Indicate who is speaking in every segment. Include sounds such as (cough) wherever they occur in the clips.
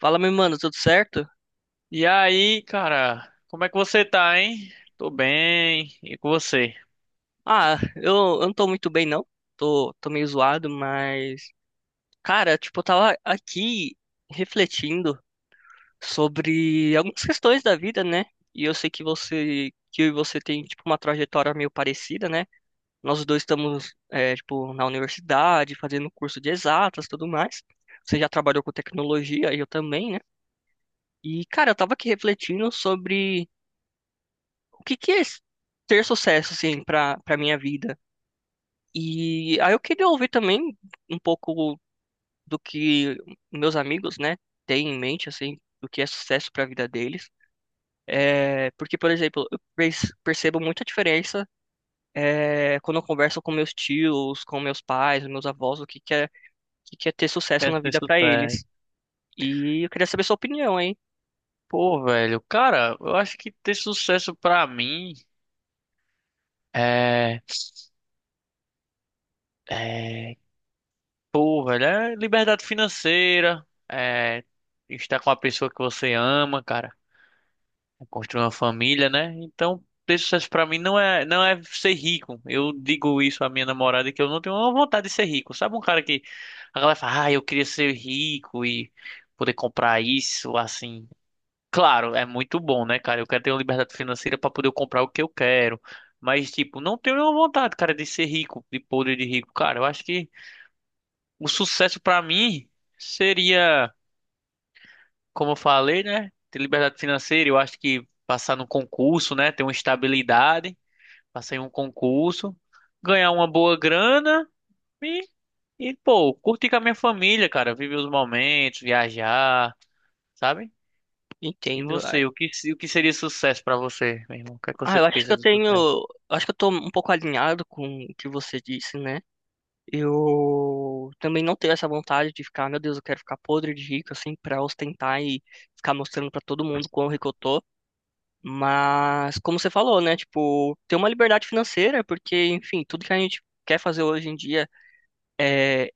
Speaker 1: Fala, meu mano, tudo certo?
Speaker 2: E aí, cara, como é que você tá, hein? Tô bem. E com você?
Speaker 1: Ah, eu não tô muito bem, não. Tô meio zoado, mas. Cara, tipo, eu tava aqui refletindo sobre algumas questões da vida, né? E eu sei que eu e você tem, tipo, uma trajetória meio parecida, né? Nós dois estamos, tipo, na universidade, fazendo curso de exatas e tudo mais. Você já trabalhou com tecnologia, e eu também, né? E, cara, eu tava aqui refletindo sobre o que que é ter sucesso, assim, pra minha vida. E aí eu queria ouvir também um pouco do que meus amigos, né, têm em mente, assim, do que é sucesso para a vida deles. É, porque, por exemplo, percebo muita diferença, quando eu converso com meus tios, com meus pais, meus avós, o que que é, o que que é ter sucesso
Speaker 2: Quer
Speaker 1: na
Speaker 2: ter
Speaker 1: vida para eles.
Speaker 2: sucesso?
Speaker 1: E eu queria saber sua opinião, hein?
Speaker 2: Pô, velho, cara, eu acho que ter sucesso pra mim é, é, pô, velho, é liberdade financeira, é estar com a pessoa que você ama, cara. Construir uma família, né? Então, pessoas para mim não é ser rico. Eu digo isso à minha namorada que eu não tenho uma vontade de ser rico. Sabe um cara que a galera fala, ah, eu queria ser rico e poder comprar isso, assim. Claro, é muito bom, né, cara? Eu quero ter uma liberdade financeira para poder comprar o que eu quero. Mas, tipo, não tenho nenhuma vontade, cara, de ser rico, de poder de rico. Cara, eu acho que o sucesso para mim seria como eu falei, né? Ter liberdade financeira, eu acho que passar no concurso, né? Ter uma estabilidade, passar em um concurso, ganhar uma boa grana e, e pô, curtir com a minha família, cara, viver os momentos, viajar, sabe? E
Speaker 1: Entendo.
Speaker 2: você, o que, se- o que seria sucesso pra você, meu irmão? O que é que
Speaker 1: Ah,
Speaker 2: você
Speaker 1: eu acho que
Speaker 2: pensa
Speaker 1: eu
Speaker 2: do
Speaker 1: tenho,
Speaker 2: sucesso?
Speaker 1: acho que eu tô um pouco alinhado com o que você disse, né? Eu também não tenho essa vontade de ficar, meu Deus, eu quero ficar podre de rico, assim, pra ostentar e ficar mostrando pra todo mundo quão rico eu tô. Mas, como você falou, né, tipo, ter uma liberdade financeira, porque, enfim, tudo que a gente quer fazer hoje em dia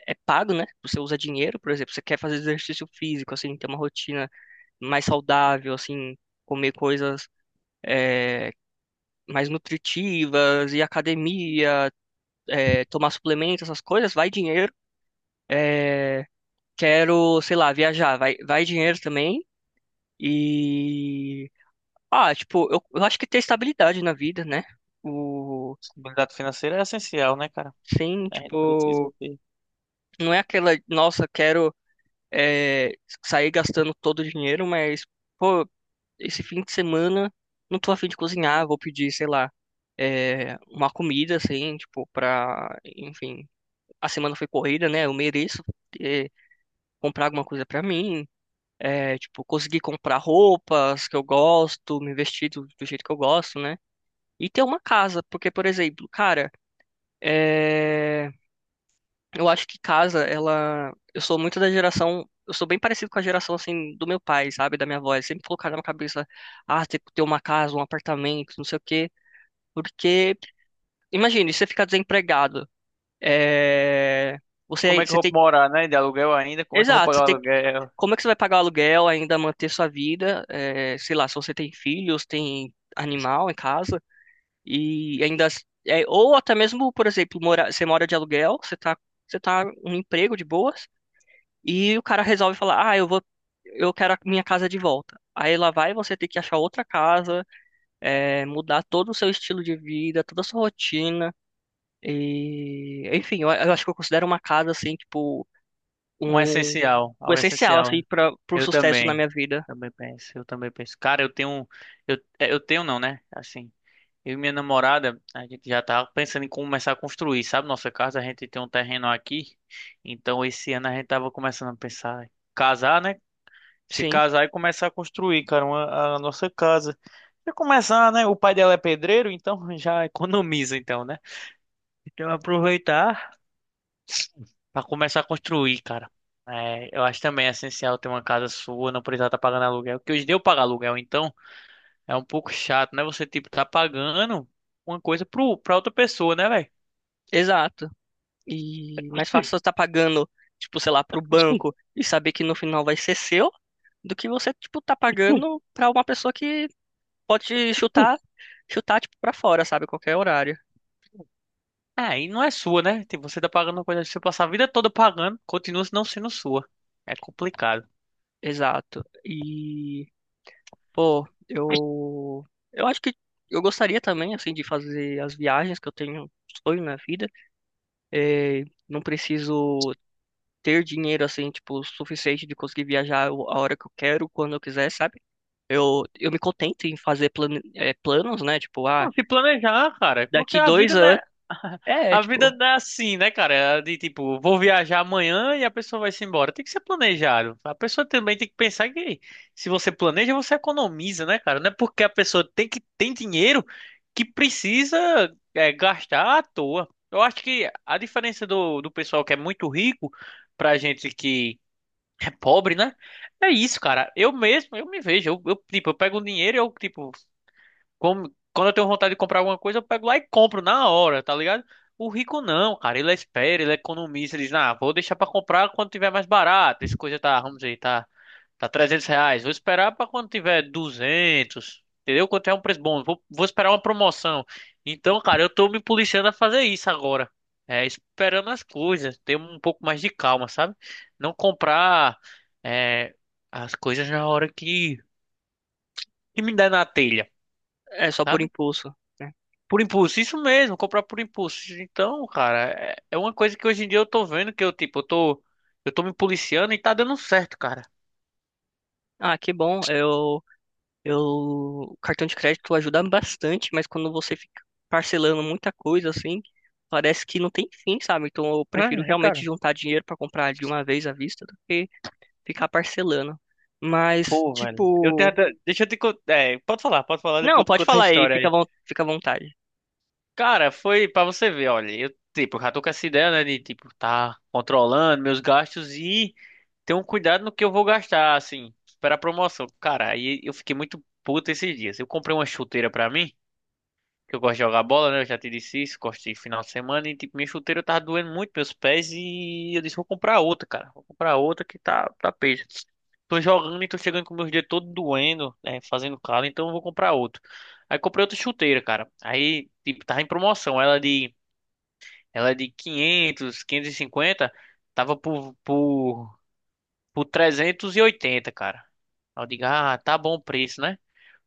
Speaker 1: é pago, né? Você usa dinheiro, por exemplo, você quer fazer exercício físico, assim, ter uma rotina mais saudável, assim, comer coisas eh, mais nutritivas, ir à academia, tomar suplementos, essas coisas, vai dinheiro. Eh, quero, sei lá, viajar, vai dinheiro também e ah, tipo, eu acho que ter estabilidade na vida, né? O
Speaker 2: Estabilidade financeira é essencial, né, cara?
Speaker 1: sim,
Speaker 2: A gente precisa
Speaker 1: tipo,
Speaker 2: ter.
Speaker 1: não é aquela, nossa, quero é, sair gastando todo o dinheiro, mas pô, esse fim de semana não tô a fim de cozinhar, vou pedir, sei lá, uma comida assim, tipo, pra, enfim, a semana foi corrida, né? Eu mereço é, comprar alguma coisa pra mim. É, tipo, conseguir comprar roupas que eu gosto, me vestir do jeito que eu gosto, né? E ter uma casa, porque, por exemplo, cara, é, eu acho que casa, ela. Eu sou muito da geração. Eu sou bem parecido com a geração, assim, do meu pai, sabe? Da minha avó. Eles sempre colocaram na cabeça, ah, tem que ter uma casa, um apartamento, não sei o quê. Porque, imagine, você ficar desempregado. É...
Speaker 2: Como é que eu
Speaker 1: Você
Speaker 2: vou
Speaker 1: tem.
Speaker 2: morar, né? De aluguel ainda? Como é que eu vou
Speaker 1: Exato,
Speaker 2: pagar
Speaker 1: você
Speaker 2: o
Speaker 1: tem
Speaker 2: aluguel?
Speaker 1: como é que você vai pagar o aluguel, ainda manter sua vida, é, sei lá, se você tem filhos, tem animal em casa, e ainda, é, ou até mesmo, por exemplo, mora, você mora de aluguel, você tá um emprego de boas, e o cara resolve falar, ah, eu vou, eu quero a minha casa de volta. Aí lá vai você ter que achar outra casa, é, mudar todo o seu estilo de vida, toda a sua rotina, e, enfim, eu acho que eu considero uma casa, assim, tipo,
Speaker 2: Um
Speaker 1: um,
Speaker 2: essencial,
Speaker 1: o
Speaker 2: algo
Speaker 1: essencial, assim,
Speaker 2: essencial.
Speaker 1: para o
Speaker 2: Eu
Speaker 1: sucesso na
Speaker 2: também.
Speaker 1: minha vida.
Speaker 2: Também penso, eu também penso. Cara, eu tenho não, né? Assim, eu e minha namorada, a gente já tá pensando em começar a construir, sabe? Nossa casa, a gente tem um terreno aqui. Então esse ano a gente tava começando a pensar em casar, né? Se
Speaker 1: Sim,
Speaker 2: casar e começar a construir, cara, a nossa casa. E começar, né? O pai dela é pedreiro, então (laughs) já economiza, então, né? Então aproveitar pra começar a construir, cara. É, eu acho também essencial ter uma casa sua, não precisar estar pagando aluguel. Porque hoje deu pagar aluguel, então é um pouco chato, né? Você, tipo, tá pagando uma coisa pra outra pessoa, né, velho?
Speaker 1: exato. E mais
Speaker 2: (laughs)
Speaker 1: fácil você tá pagando, tipo, sei lá, pro banco e saber que no final vai ser seu, do que você, tipo, tá pagando pra uma pessoa que pode chutar, chutar, tipo, pra fora, sabe? Qualquer horário.
Speaker 2: É, e não é sua, né? Tipo, você tá pagando uma coisa que você passar a vida toda pagando, continua não sendo sua. É complicado.
Speaker 1: Exato. E, pô, eu acho que eu gostaria também, assim, de fazer as viagens que eu tenho sonho na vida. É, não preciso ter dinheiro, assim, tipo, suficiente de conseguir viajar a hora que eu quero, quando eu quiser, sabe? Eu me contento em fazer planos, né? Tipo, ah,
Speaker 2: Não, se planejar, cara, porque
Speaker 1: daqui
Speaker 2: a
Speaker 1: dois
Speaker 2: vida não
Speaker 1: anos.
Speaker 2: é. (laughs) A vida
Speaker 1: Tipo,
Speaker 2: não é assim, né, cara? É, de tipo, vou viajar amanhã e a pessoa vai se embora. Tem que ser planejado. A pessoa também tem que pensar que se você planeja, você economiza, né, cara? Não é porque a pessoa tem dinheiro que precisa gastar à toa. Eu acho que a diferença do pessoal que é muito rico pra gente que é pobre, né? É isso, cara. Eu mesmo, eu me vejo, eu, tipo, eu pego o dinheiro, eu tipo quando eu tenho vontade de comprar alguma coisa, eu pego lá e compro na hora, tá ligado? O rico não, cara, ele espera, ele economiza, ele diz, ah, vou deixar pra comprar quando tiver mais barato. Essa coisa tá, vamos dizer, tá 300 reais. Vou esperar pra quando tiver 200, entendeu? Quando tiver um preço bom, vou esperar uma promoção. Então, cara, eu tô me policiando a fazer isso agora. É, esperando as coisas, ter um pouco mais de calma, sabe? Não comprar, é, as coisas na hora que me der na telha.
Speaker 1: é só por
Speaker 2: Sabe?
Speaker 1: impulso, né?
Speaker 2: Por impulso, isso mesmo, comprar por impulso. Então, cara, é uma coisa que hoje em dia eu tô vendo que eu, tipo, eu tô me policiando e tá dando certo, cara.
Speaker 1: Ah, que bom. Eu, o cartão de crédito ajuda bastante, mas quando você fica parcelando muita coisa assim, parece que não tem fim, sabe? Então eu prefiro
Speaker 2: É, é,
Speaker 1: realmente
Speaker 2: cara.
Speaker 1: juntar dinheiro para comprar de uma vez à vista do que ficar parcelando. Mas,
Speaker 2: Pô, velho. Eu tenho
Speaker 1: tipo.
Speaker 2: até. Deixa eu te contar. É, pode falar, depois
Speaker 1: Não,
Speaker 2: eu te
Speaker 1: pode
Speaker 2: contar a
Speaker 1: falar aí,
Speaker 2: história
Speaker 1: fica,
Speaker 2: aí.
Speaker 1: fica à vontade.
Speaker 2: Cara, foi pra você ver, olha. Eu, tipo, já tô com essa ideia, né, de, tipo, tá controlando meus gastos e ter um cuidado no que eu vou gastar, assim, para a promoção. Cara, aí eu fiquei muito puto esses dias. Eu comprei uma chuteira pra mim, que eu gosto de jogar bola, né? Eu já te disse isso, gosto de final de semana e tipo, minha chuteira tava doendo muito meus pés e eu disse, vou comprar outra, cara. Vou comprar outra que tá peixe. Tô jogando e tô chegando com meus dedos todo doendo, né, fazendo calo, então eu vou comprar outro. Aí comprei outra chuteira, cara. Aí, tipo, tava em promoção, ela é de 500, 550, tava por 380, cara. Aí eu digo, ah, tá bom o preço, né?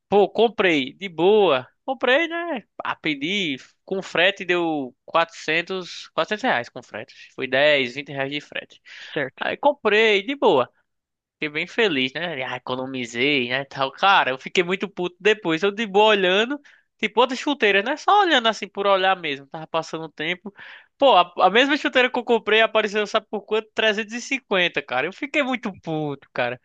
Speaker 2: Pô, comprei, de boa. Comprei, né? Ah, pedi com frete deu quatrocentos reais com frete. Foi 10, 20 reais de frete.
Speaker 1: Certo,
Speaker 2: Aí comprei, de boa. Fiquei bem feliz, né? Ah, economizei, né? Tal. Cara, eu fiquei muito puto depois. Eu de boa olhando, tipo outras chuteiras, né? Só olhando assim por olhar mesmo. Tava passando o tempo. Pô, a mesma chuteira que eu comprei apareceu, sabe por quanto? 350, cara. Eu fiquei muito puto, cara.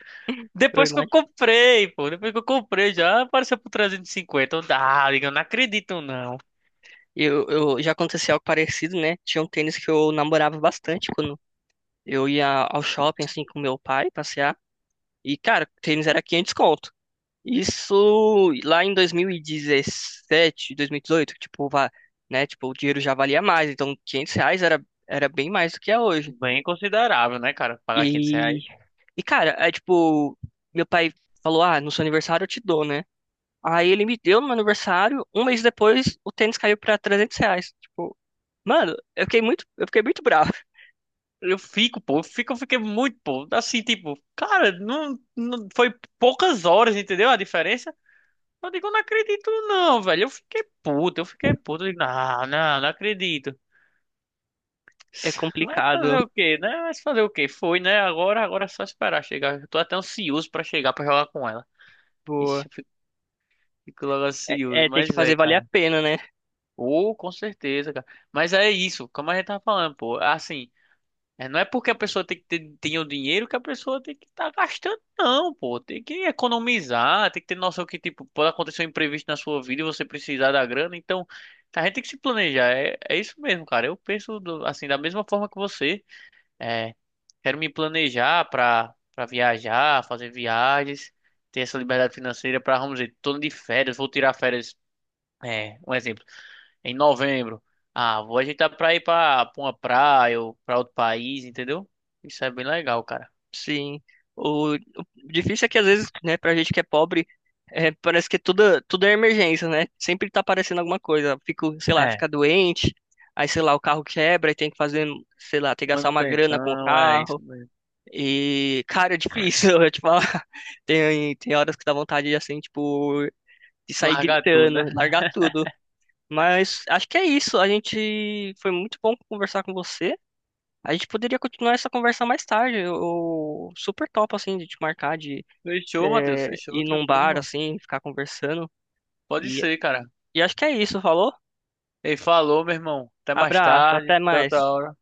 Speaker 1: eu
Speaker 2: Depois que eu comprei, pô. Depois que eu comprei já apareceu por 350. Eu, ah, digo, eu não acredito, não.
Speaker 1: Eu já aconteceu algo parecido, né? Tinha um tênis que eu namorava bastante quando eu ia ao shopping assim com meu pai passear. E cara, o tênis era 500 conto. Isso lá em dois mil e 2017 dois mil e 2018, tipo, va- né? Tipo, o dinheiro já valia mais, então R$ 500 era, era bem mais do que é hoje.
Speaker 2: Bem considerável, né, cara? Pagar 500
Speaker 1: E,
Speaker 2: reais.
Speaker 1: e cara, é tipo, meu pai falou: "Ah, no seu aniversário eu te dou, né?" Aí ele me deu no meu aniversário, um mês depois o tênis caiu pra R$ 300. Tipo, mano, eu fiquei muito bravo. (laughs)
Speaker 2: Eu fico, pô. Eu fiquei muito, pô. Assim, tipo, cara, não, não foi poucas horas, entendeu? A diferença. Eu digo, eu não acredito, não, velho. Eu fiquei puto, eu fiquei puto. Eu digo, não, não, não acredito.
Speaker 1: É
Speaker 2: (sighs) Mas
Speaker 1: complicado,
Speaker 2: fazer o quê, né? Mas fazer o quê? Foi, né? Agora é só esperar chegar. Eu tô até ansioso pra chegar pra jogar com ela.
Speaker 1: pô.
Speaker 2: Ixi, eu fico logo
Speaker 1: É,
Speaker 2: ansioso.
Speaker 1: é ter que
Speaker 2: Mas é,
Speaker 1: fazer valer a
Speaker 2: cara.
Speaker 1: pena, né?
Speaker 2: Ou, com certeza, cara. Mas é isso, como a gente tava falando, pô. Assim, não é porque a pessoa tem o dinheiro que a pessoa tem que estar gastando, não, pô. Tem que economizar, tem que ter noção que, tipo, pode acontecer um imprevisto na sua vida e você precisar da grana. Então, a gente tem que se planejar. É isso mesmo, cara. Eu penso, assim, da mesma forma que você. É, quero me planejar pra viajar, fazer viagens, ter essa liberdade financeira pra, vamos dizer, tô de férias, vou tirar férias. É, um exemplo em novembro. Ah, vou ajeitar pra ir pra uma praia ou pra outro país, entendeu? Isso é bem legal, cara.
Speaker 1: Sim. O difícil é que às vezes, né, pra gente que é pobre, é, parece que tudo, tudo é emergência, né? Sempre tá aparecendo alguma coisa. Fico, sei lá,
Speaker 2: É,
Speaker 1: fica doente, aí, sei lá, o carro quebra e tem que fazer, sei lá, tem que gastar uma grana com o
Speaker 2: manutenção, é isso
Speaker 1: carro.
Speaker 2: mesmo.
Speaker 1: E, cara, é difícil, (laughs) eu te falar. Tem horas que dá vontade de, assim, tipo, de sair
Speaker 2: Largar tudo, né?
Speaker 1: gritando, largar tudo. Mas acho que é isso. A gente foi muito bom conversar com você. A gente poderia continuar essa conversa mais tarde. Eu super top assim de te marcar de
Speaker 2: Fechou, Matheus,
Speaker 1: é,
Speaker 2: fechou,
Speaker 1: ir num
Speaker 2: tranquilo,
Speaker 1: bar
Speaker 2: irmão.
Speaker 1: assim, ficar conversando.
Speaker 2: Pode
Speaker 1: E,
Speaker 2: ser, cara.
Speaker 1: e acho que é isso, falou?
Speaker 2: Ele falou, meu irmão. Até mais
Speaker 1: Abraço,
Speaker 2: tarde,
Speaker 1: até
Speaker 2: até outra
Speaker 1: mais.
Speaker 2: hora.